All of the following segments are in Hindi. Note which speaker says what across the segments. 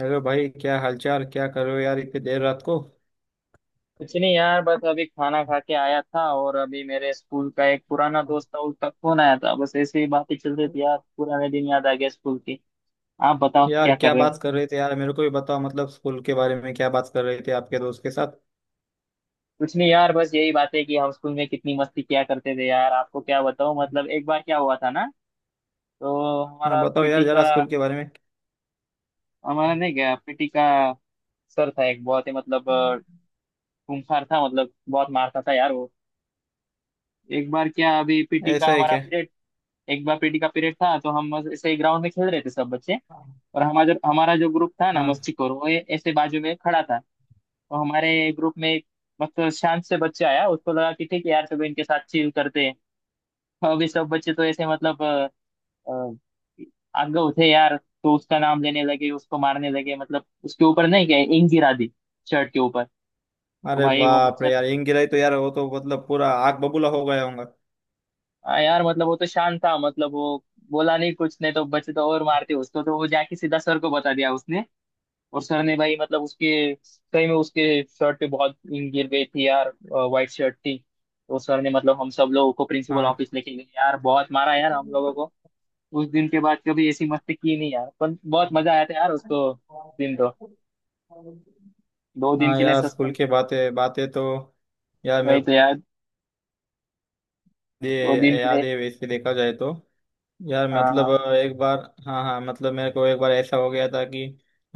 Speaker 1: हेलो भाई, क्या हालचाल? क्या कर रहे हो यार इतनी देर रात को?
Speaker 2: कुछ नहीं यार, बस अभी खाना खा के आया था। और अभी मेरे स्कूल का एक पुराना दोस्त था, उसका फोन आया था। बस ऐसे ही बातें चल रही थी यार, पुराने दिन याद आ गया स्कूल की। आप बताओ
Speaker 1: यार
Speaker 2: क्या कर
Speaker 1: क्या
Speaker 2: रहे हो।
Speaker 1: बात कर रहे थे यार? मेरे को भी बताओ, मतलब स्कूल के बारे में क्या बात कर रहे थे आपके दोस्त के साथ?
Speaker 2: कुछ नहीं यार, बस यही बात है कि हम स्कूल में कितनी मस्ती किया करते थे। यार आपको क्या बताऊं, मतलब एक बार क्या हुआ था ना। तो
Speaker 1: हाँ
Speaker 2: हमारा
Speaker 1: बताओ
Speaker 2: पीटी
Speaker 1: यार जरा
Speaker 2: का।
Speaker 1: स्कूल के बारे
Speaker 2: हमारा नहीं गया, पीटी का सर था एक बहुत ही मतलब
Speaker 1: में।
Speaker 2: खूंखार था, मतलब बहुत मारता था यार वो। एक बार क्या, अभी पीटी का
Speaker 1: ऐसा है
Speaker 2: हमारा
Speaker 1: क्या?
Speaker 2: पीरियड। एक बार पीटी का पीरियड था तो हम बस ऐसे ग्राउंड में खेल रहे थे सब बच्चे। और हमारा जो ग्रुप था ना,
Speaker 1: हाँ।
Speaker 2: मस्ती करो वो ऐसे बाजू में खड़ा था। तो हमारे ग्रुप में एक मतलब शांत से बच्चा आया, उसको लगा कि ठीक है यार सब इनके साथ चिल करते हैं। तो अभी सब बच्चे तो ऐसे मतलब आगे थे यार। तो उसका नाम लेने लगे, उसको मारने लगे, मतलब उसके ऊपर नहीं क्या इंक गिरा दी शर्ट के ऊपर। तो
Speaker 1: अरे
Speaker 2: भाई वो
Speaker 1: बाप रे
Speaker 2: बच्चा।
Speaker 1: यार, इंग गिराई तो यार वो तो मतलब पूरा आग बबूला हो गया होगा।
Speaker 2: आ यार, मतलब वो तो शांत था, मतलब वो बोला नहीं कुछ नहीं, तो बच्चे तो और मारते उसको, तो वो जाके सीधा सर को बता दिया उसने। और सर ने भाई मतलब उसके, सही में उसके शर्ट पे बहुत ink गिर गई थी यार, वाइट शर्ट थी। तो सर ने मतलब हम सब लोगों को प्रिंसिपल
Speaker 1: हाँ।
Speaker 2: ऑफिस लेके गए यार, बहुत मारा यार हम लोगों को। उस दिन के बाद कभी ऐसी मस्ती की नहीं यार, पर बहुत मजा आया था यार उसको। दिन तो 2 दिन
Speaker 1: हाँ
Speaker 2: के लिए
Speaker 1: यार स्कूल
Speaker 2: सस्पेंड।
Speaker 1: के बातें बातें तो यार मेरे
Speaker 2: वही
Speaker 1: को
Speaker 2: तो यार। 2 दिन
Speaker 1: ये
Speaker 2: के
Speaker 1: याद
Speaker 2: लिए।
Speaker 1: है। वैसे देखा जाए तो यार
Speaker 2: हाँ,
Speaker 1: मतलब
Speaker 2: हाँ।
Speaker 1: एक बार। हाँ हाँ, मतलब मेरे को एक बार ऐसा हो गया था कि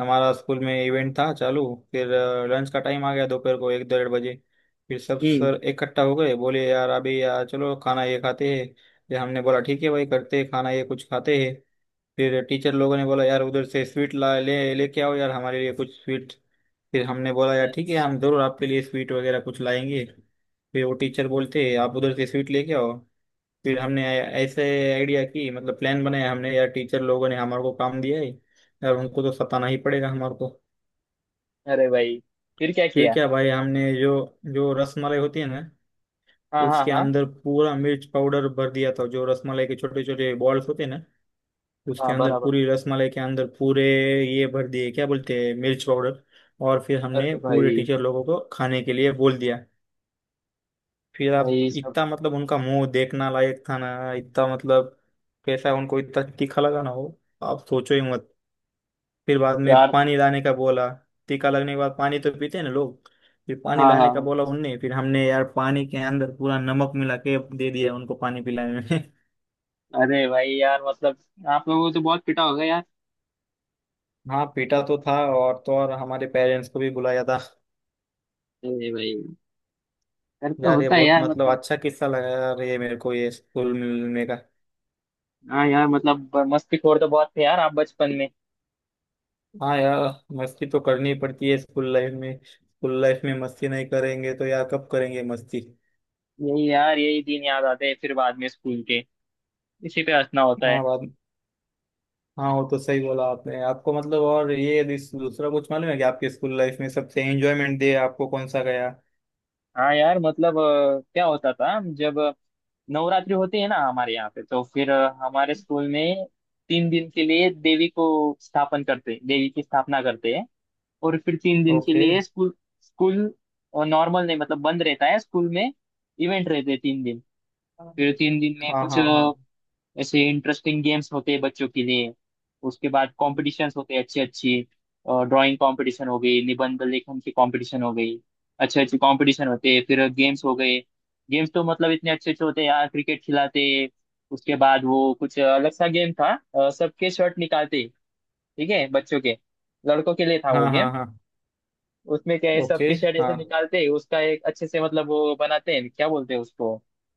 Speaker 1: हमारा स्कूल में इवेंट था चालू। फिर लंच का टाइम आ गया दोपहर को 1 डेढ़ बजे। फिर सब
Speaker 2: हम्म।
Speaker 1: सर इकट्ठा हो गए, बोले यार अभी यार चलो खाना ये खाते हैं। फिर हमने बोला ठीक है भाई, करते हैं खाना, ये कुछ खाते हैं। फिर टीचर लोगों ने बोला यार उधर से स्वीट ला ले लेके आओ यार, हमारे लिए कुछ स्वीट। फिर हमने बोला यार ठीक है, हम जरूर आपके लिए स्वीट वगैरह कुछ लाएंगे। फिर वो टीचर बोलते आप उधर से स्वीट लेके आओ। फिर हमने ऐसे आइडिया की, मतलब प्लान बनाया हमने, यार टीचर लोगों ने हमारे को काम दिया है यार, उनको तो सताना ही पड़ेगा हमारे को।
Speaker 2: अरे भाई, फिर क्या
Speaker 1: फिर
Speaker 2: किया।
Speaker 1: क्या भाई, हमने जो जो रसमलाई होती है ना,
Speaker 2: हाँ, हाँ,
Speaker 1: उसके
Speaker 2: हाँ।
Speaker 1: अंदर पूरा मिर्च पाउडर भर दिया था। जो रसमलाई के छोटे छोटे बॉल्स होते हैं ना, उसके
Speaker 2: हाँ,
Speaker 1: अंदर,
Speaker 2: बराबर।
Speaker 1: पूरी रसमलाई के अंदर पूरे ये भर दिए, क्या बोलते हैं, मिर्च पाउडर। और फिर हमने
Speaker 2: अरे
Speaker 1: पूरे
Speaker 2: भाई।
Speaker 1: टीचर लोगों को खाने के लिए बोल दिया। फिर आप
Speaker 2: भाई सब।
Speaker 1: इतना, मतलब उनका मुंह देखना लायक था ना, इतना मतलब कैसा उनको इतना तीखा लगा ना हो, आप सोचो ही मत। फिर बाद में
Speaker 2: यार।
Speaker 1: पानी लाने का बोला। टीका लगने के बाद पानी तो पीते हैं ना लोग। फिर पानी
Speaker 2: हाँ, हाँ,
Speaker 1: लाने का
Speaker 2: हाँ।
Speaker 1: बोला उनने, फिर हमने यार पानी के अंदर पूरा नमक मिला के दे दिया उनको पानी पिलाने में।
Speaker 2: अरे भाई यार मतलब, आप लोगों को तो बहुत पिटा होगा यार।
Speaker 1: हाँ पीटा तो था, और तो और हमारे पेरेंट्स को भी बुलाया था।
Speaker 2: अरे भाई। डर तो
Speaker 1: यार ये
Speaker 2: होता है
Speaker 1: बहुत
Speaker 2: यार
Speaker 1: मतलब
Speaker 2: मतलब।
Speaker 1: अच्छा किस्सा लगा यार ये मेरे को, ये स्कूल मिलने का।
Speaker 2: हाँ यार मतलब मस्तीखोर तो बहुत थे यार, आप बचपन में।
Speaker 1: हाँ यार, मस्ती तो करनी पड़ती है स्कूल लाइफ में, स्कूल लाइफ में मस्ती नहीं करेंगे तो यार कब करेंगे मस्ती?
Speaker 2: यही यार, यही दिन याद आते हैं फिर बाद में स्कूल के। इसी पे हंसना होता है।
Speaker 1: हाँ बात। हाँ वो तो सही बोला आपने। आपको मतलब और ये दूसरा कुछ मालूम है कि आपके स्कूल लाइफ में सबसे एंजॉयमेंट दिया आपको कौन सा गया?
Speaker 2: हाँ यार मतलब, क्या होता था जब नवरात्रि होती है ना हमारे यहाँ पे, तो फिर हमारे स्कूल में 3 दिन के लिए देवी को स्थापन करते, देवी की स्थापना करते हैं। और फिर 3 दिन के
Speaker 1: ओके।
Speaker 2: लिए स्कूल स्कूल नॉर्मल नहीं, मतलब बंद रहता है। स्कूल में इवेंट रहते हैं 3 दिन। फिर तीन दिन में
Speaker 1: हाँ
Speaker 2: कुछ
Speaker 1: हाँ हाँ।
Speaker 2: ऐसे इंटरेस्टिंग गेम्स होते हैं बच्चों के लिए। उसके बाद कॉम्पिटिशन्स होते हैं अच्छे अच्छे। ड्राइंग कंपटीशन हो गई, निबंध लेखन की कंपटीशन हो गई। अच्छे अच्छे कंपटीशन होते हैं, फिर गेम्स हो गए। गेम्स तो मतलब इतने अच्छे अच्छे होते हैं यार, क्रिकेट खिलाते हैं। उसके बाद वो कुछ अलग सा गेम था। सबके शर्ट निकालते। ठीक है, बच्चों के, लड़कों के लिए था वो
Speaker 1: हाँ
Speaker 2: गेम।
Speaker 1: हाँ हाँ।
Speaker 2: उसमें क्या है,
Speaker 1: ओके।
Speaker 2: सबके शर्ट ऐसे
Speaker 1: हाँ
Speaker 2: निकालते, उसका एक अच्छे से मतलब वो बनाते हैं, क्या बोलते हैं उसको,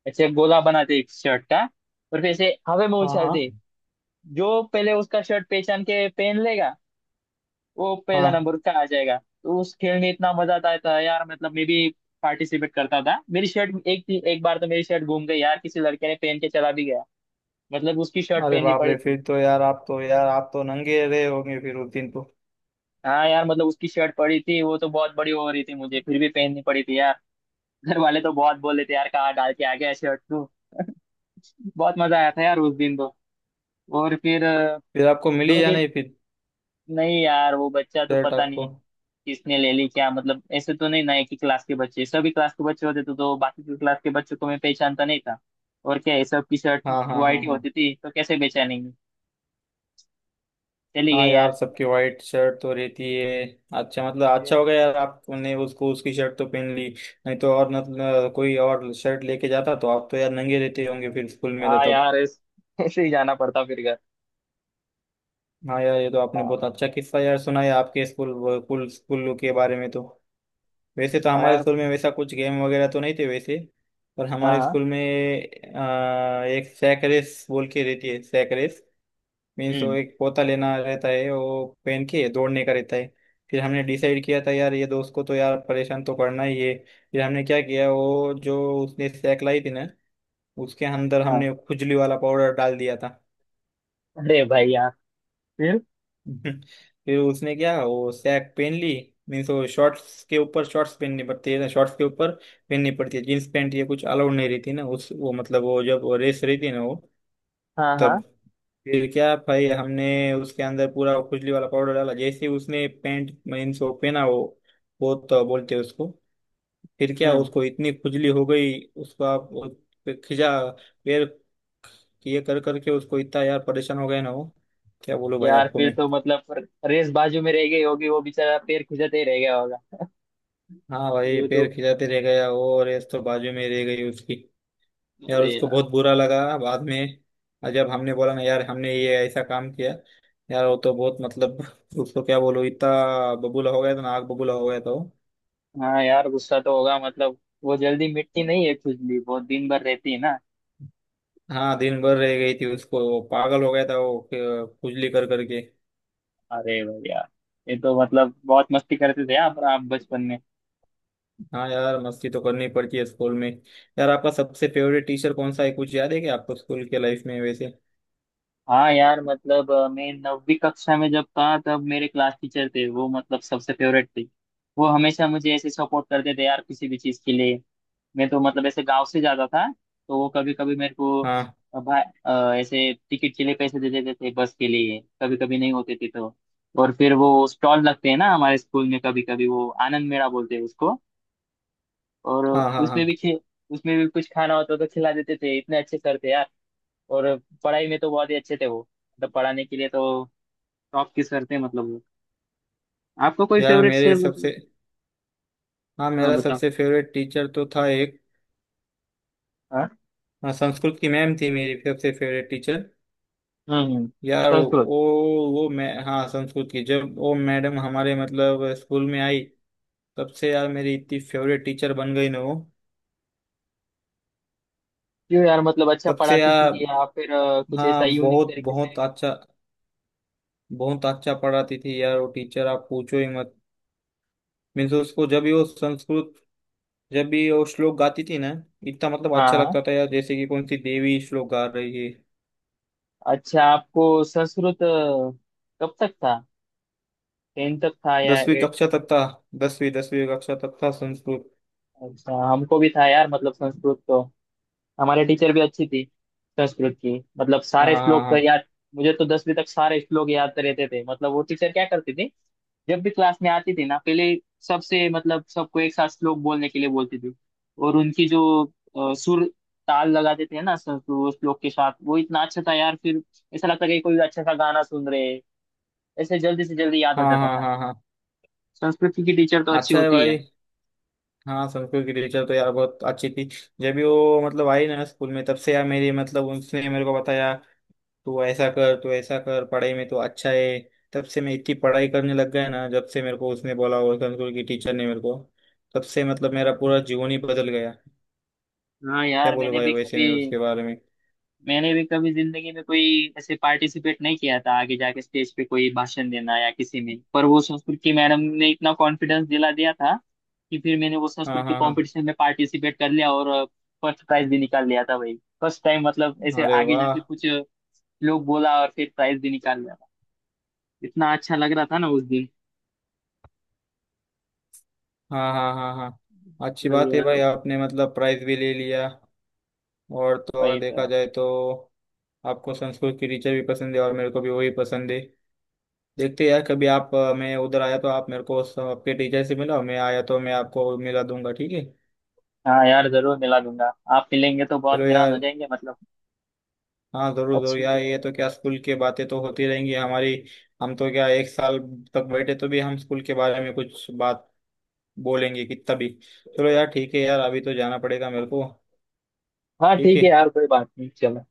Speaker 2: ऐसे गोला बनाते एक शर्ट का। और फिर ऐसे हवा में
Speaker 1: हाँ
Speaker 2: उछालते।
Speaker 1: हाँ
Speaker 2: जो पहले उसका शर्ट पहचान के पहन लेगा, वो पहला
Speaker 1: हाँ।
Speaker 2: नंबर उसका आ जाएगा। तो उस खेल में इतना मजा आता था यार, मतलब मैं भी पार्टिसिपेट करता था। मेरी शर्ट एक एक बार तो मेरी शर्ट घूम गई यार, किसी लड़के ने पहन के चला भी गया, मतलब उसकी शर्ट
Speaker 1: अरे
Speaker 2: पहननी
Speaker 1: बाप रे,
Speaker 2: पड़ी थी।
Speaker 1: फिर तो यार आप तो, यार आप तो नंगे रहे होंगे फिर उस दिन तो।
Speaker 2: हाँ यार मतलब, उसकी शर्ट पड़ी थी, वो तो बहुत बड़ी हो रही थी, मुझे फिर भी पहननी पड़ी थी यार। घर वाले तो बहुत बोले थे यार, कहाँ डाल के आ गया शर्ट तू। बहुत मजा आया था यार उस दिन तो। और फिर
Speaker 1: फिर आपको
Speaker 2: दो
Speaker 1: मिली या
Speaker 2: दिन
Speaker 1: नहीं फिर
Speaker 2: नहीं यार, वो बच्चा तो
Speaker 1: शर्ट
Speaker 2: पता
Speaker 1: आपको?
Speaker 2: नहीं किसने ले ली क्या, मतलब ऐसे तो नहीं ना एक ही क्लास के बच्चे, सभी क्लास के बच्चे होते तो बाकी के क्लास के बच्चों को मैं पहचानता नहीं था। और क्या है, सबकी शर्ट
Speaker 1: हाँ हाँ
Speaker 2: वाइट
Speaker 1: हाँ
Speaker 2: ही
Speaker 1: हाँ।
Speaker 2: होती थी, तो कैसे पहचानेंगे। चली
Speaker 1: हाँ
Speaker 2: गई यार।
Speaker 1: यार सबकी वाइट शर्ट तो रहती है। अच्छा मतलब अच्छा हो गया यार आपने, उसको उसकी शर्ट तो पहन ली। नहीं तो और, मतलब कोई और शर्ट लेके जाता तो आप तो यार नंगे रहते होंगे फिर स्कूल में तो
Speaker 2: हाँ
Speaker 1: तब।
Speaker 2: यार ऐसे ही जाना पड़ता फिर घर।
Speaker 1: हाँ यार ये तो आपने
Speaker 2: हाँ,
Speaker 1: बहुत अच्छा किस्सा यार सुनाया आपके स्कूल, स्कूल के बारे में तो। वैसे तो
Speaker 2: हाँ
Speaker 1: हमारे
Speaker 2: यार।
Speaker 1: स्कूल में वैसा कुछ गेम वगैरह तो नहीं थे वैसे, पर
Speaker 2: हाँ,
Speaker 1: हमारे
Speaker 2: हाँ,
Speaker 1: स्कूल में एक सैक रेस बोल के रहती है, सैक रेस। मीन्स वो
Speaker 2: हम्म।
Speaker 1: एक पोता लेना रहता है, वो पहन के दौड़ने का रहता है। फिर हमने डिसाइड किया था यार ये दोस्त को तो यार परेशान तो करना ही है। फिर हमने क्या किया वो जो उसने सैक लाई थी ना, उसके अंदर
Speaker 2: हाँ।
Speaker 1: हमने खुजली वाला पाउडर डाल दिया था।
Speaker 2: अरे भाई यार, फिर।
Speaker 1: फिर उसने क्या, वो सैक पहन ली। मीन्स वो शॉर्ट्स के ऊपर, शॉर्ट्स पहननी पड़ती है ना शॉर्ट्स के ऊपर, पहननी पड़ती है, जींस पैंट ये कुछ अलाउड नहीं रहती ना उस, वो मतलब वो जब रेस रहती है ना वो,
Speaker 2: हाँ,
Speaker 1: तब।
Speaker 2: हाँ।
Speaker 1: फिर क्या भाई हमने उसके अंदर पूरा खुजली वाला पाउडर डाला, जैसे ही उसने पैंट मीन्स वो पहना वो तो बोलते हैं उसको, फिर क्या
Speaker 2: हम्म।
Speaker 1: उसको इतनी खुजली हो गई। उसको आप वो खिंचा पैर ये कर करके उसको इतना यार परेशान हो गया ना वो, क्या बोलो भाई
Speaker 2: यार
Speaker 1: आपको
Speaker 2: फिर
Speaker 1: मैं?
Speaker 2: तो मतलब, रेस बाजू में रह गई होगी, वो बेचारा पैर खुजाते ही रह गया होगा।
Speaker 1: हाँ भाई
Speaker 2: ये तो।
Speaker 1: पैर खिंचाते रह गया और रेस तो बाजू में रह गई उसकी। यार
Speaker 2: अरे
Speaker 1: उसको
Speaker 2: यार।
Speaker 1: बहुत बुरा लगा बाद में, जब हमने बोला ना यार हमने ये ऐसा काम किया। यार वो तो बहुत मतलब उसको क्या बोलूं, इतना बबूला हो गया था ना, आग बबूला हो गया था वो।
Speaker 2: हाँ यार, गुस्सा तो होगा मतलब, वो जल्दी मिटती नहीं है खुजली, बहुत दिन भर रहती है ना।
Speaker 1: हाँ दिन भर रह गई थी उसको, वो पागल हो गया था वो खुजली कर करके।
Speaker 2: अरे भैया। ये तो मतलब बहुत मस्ती करते थे आप बचपन में।
Speaker 1: हाँ यार मस्ती तो करनी पड़ती है स्कूल में। यार आपका सबसे फेवरेट टीचर कौन सा है, कुछ याद है क्या आपको स्कूल के लाइफ में वैसे?
Speaker 2: हाँ यार मतलब मैं 9वीं कक्षा में जब था, तब मेरे क्लास टीचर थे वो, मतलब सबसे फेवरेट थे। वो हमेशा मुझे ऐसे सपोर्ट करते थे यार किसी भी चीज के लिए। मैं तो मतलब ऐसे गांव से जाता था, तो वो कभी कभी मेरे को
Speaker 1: हाँ
Speaker 2: भाई ऐसे टिकट के लिए पैसे दे देते थे बस के लिए, कभी कभी नहीं होते थे तो। और फिर वो स्टॉल लगते हैं ना हमारे स्कूल में, कभी कभी वो आनंद मेला बोलते हैं उसको। और
Speaker 1: हाँ हाँ।
Speaker 2: उसमें
Speaker 1: हाँ
Speaker 2: भी खे उसमें भी कुछ खाना होता तो खिला देते थे, इतने अच्छे सर थे यार। और पढ़ाई में तो बहुत ही अच्छे थे वो, मतलब पढ़ाने के लिए तो टॉप के सर थे मतलब वो। आपको कोई
Speaker 1: यार
Speaker 2: फेवरेट
Speaker 1: मेरे
Speaker 2: सर मतलब?
Speaker 1: सबसे, हाँ
Speaker 2: हाँ
Speaker 1: मेरा
Speaker 2: बताओ।
Speaker 1: सबसे फेवरेट टीचर तो था एक।
Speaker 2: हाँ।
Speaker 1: हाँ, संस्कृत की मैम थी मेरी सबसे फेवरेट टीचर।
Speaker 2: हम्म, हम्म।
Speaker 1: यार वो
Speaker 2: संस्कृत।
Speaker 1: वो मैं, हाँ संस्कृत की जब वो मैडम हमारे मतलब स्कूल में आई, तब से यार मेरी इतनी फेवरेट टीचर बन गई ना वो।
Speaker 2: क्यों यार मतलब, अच्छा
Speaker 1: तब से
Speaker 2: पढ़ाती थी,
Speaker 1: यार,
Speaker 2: या फिर कुछ ऐसा
Speaker 1: हाँ
Speaker 2: यूनिक
Speaker 1: बहुत
Speaker 2: तरीके से?
Speaker 1: बहुत अच्छा, बहुत अच्छा पढ़ाती थी यार वो टीचर आप पूछो ही मत। मीन्स उसको जब भी वो संस्कृत, जब भी वो श्लोक गाती थी ना, इतना मतलब
Speaker 2: हाँ,
Speaker 1: अच्छा
Speaker 2: हाँ।
Speaker 1: लगता था यार जैसे कि कौन सी देवी श्लोक गा रही है।
Speaker 2: अच्छा आपको संस्कृत कब तक था? 10 तक था या
Speaker 1: दसवीं
Speaker 2: 8?
Speaker 1: कक्षा तक था। दसवीं दसवीं कक्षा तक था संस्कृत।
Speaker 2: अच्छा हमको भी था यार, मतलब संस्कृत तो हमारे टीचर भी अच्छी थी। संस्कृत की मतलब
Speaker 1: हाँ
Speaker 2: सारे
Speaker 1: हाँ
Speaker 2: श्लोक तो
Speaker 1: हाँ
Speaker 2: याद, मुझे तो 10वीं तक सारे श्लोक याद तो रहते थे। मतलब वो टीचर क्या करती थी, जब भी क्लास में आती थी ना पहले, सबसे मतलब सबको एक साथ श्लोक बोलने के लिए बोलती थी। और उनकी जो सुर ताल लगाते थे ना सब वो श्लोक के साथ, वो इतना अच्छा था यार। फिर ऐसा लगता कि कोई अच्छा सा गाना सुन रहे हैं। ऐसे जल्दी से जल्दी याद हो
Speaker 1: हाँ
Speaker 2: जाता
Speaker 1: हाँ
Speaker 2: था।
Speaker 1: हाँ हाँ हाँ।
Speaker 2: संस्कृत की टीचर तो अच्छी
Speaker 1: अच्छा है
Speaker 2: होती
Speaker 1: भाई।
Speaker 2: है।
Speaker 1: हाँ संस्कृत की टीचर तो यार बहुत अच्छी थी। जब भी वो मतलब आई ना स्कूल में, तब से यार मेरी, मतलब उसने मेरे को बताया तू ऐसा कर, तू ऐसा कर, पढ़ाई में तो अच्छा है। तब से मैं इतनी पढ़ाई करने लग गया ना, जब से मेरे को उसने बोला, वो संस्कृत की टीचर ने मेरे को। तब से मतलब मेरा पूरा जीवन ही बदल गया।
Speaker 2: हाँ
Speaker 1: क्या
Speaker 2: यार,
Speaker 1: बोलूं
Speaker 2: मैंने
Speaker 1: भाई
Speaker 2: भी
Speaker 1: वैसे
Speaker 2: कभी
Speaker 1: मैं उसके बारे में।
Speaker 2: मैंने भी कभी जिंदगी में कोई ऐसे पार्टिसिपेट नहीं किया था, आगे जाके स्टेज पे कोई भाषण देना या किसी में, पर वो संस्कृत की मैडम ने इतना कॉन्फिडेंस दिला दिया था कि फिर मैंने वो
Speaker 1: हाँ
Speaker 2: संस्कृत के
Speaker 1: हाँ हाँ।
Speaker 2: कंपटीशन में पार्टिसिपेट कर लिया, और फर्स्ट प्राइज भी निकाल लिया था भाई। फर्स्ट टाइम मतलब ऐसे
Speaker 1: अरे
Speaker 2: आगे
Speaker 1: वाह।
Speaker 2: जाके कुछ लोग बोला, और फिर प्राइज भी निकाल लिया था। इतना अच्छा लग रहा था ना उस दिन।
Speaker 1: हाँ हाँ हाँ हाँ, अच्छी
Speaker 2: वही
Speaker 1: बात है
Speaker 2: यार।
Speaker 1: भाई, आपने मतलब प्राइज भी ले लिया। और तो और
Speaker 2: वही तो
Speaker 1: देखा
Speaker 2: है।
Speaker 1: जाए तो आपको संस्कृत की टीचर भी पसंद है और मेरे को भी वही पसंद है। देखते हैं यार कभी आप मैं उधर आया तो आप मेरे को आपके टीचर से मिला, मैं आया तो मैं आपको मिला दूंगा ठीक है।
Speaker 2: हाँ यार, जरूर मिला दूंगा। आप मिलेंगे तो बहुत
Speaker 1: चलो
Speaker 2: हैरान हो
Speaker 1: यार।
Speaker 2: जाएंगे मतलब।
Speaker 1: हाँ जरूर जरूर
Speaker 2: अच्छी।
Speaker 1: यार, ये तो क्या स्कूल की बातें तो होती रहेंगी हमारी। हम तो क्या एक साल तक बैठे तो भी हम स्कूल के बारे में कुछ बात बोलेंगे कितना भी। चलो यार ठीक है यार, अभी तो जाना पड़ेगा मेरे को।
Speaker 2: हाँ
Speaker 1: ठीक
Speaker 2: ठीक है
Speaker 1: है।
Speaker 2: यार, कोई बात नहीं, चलो।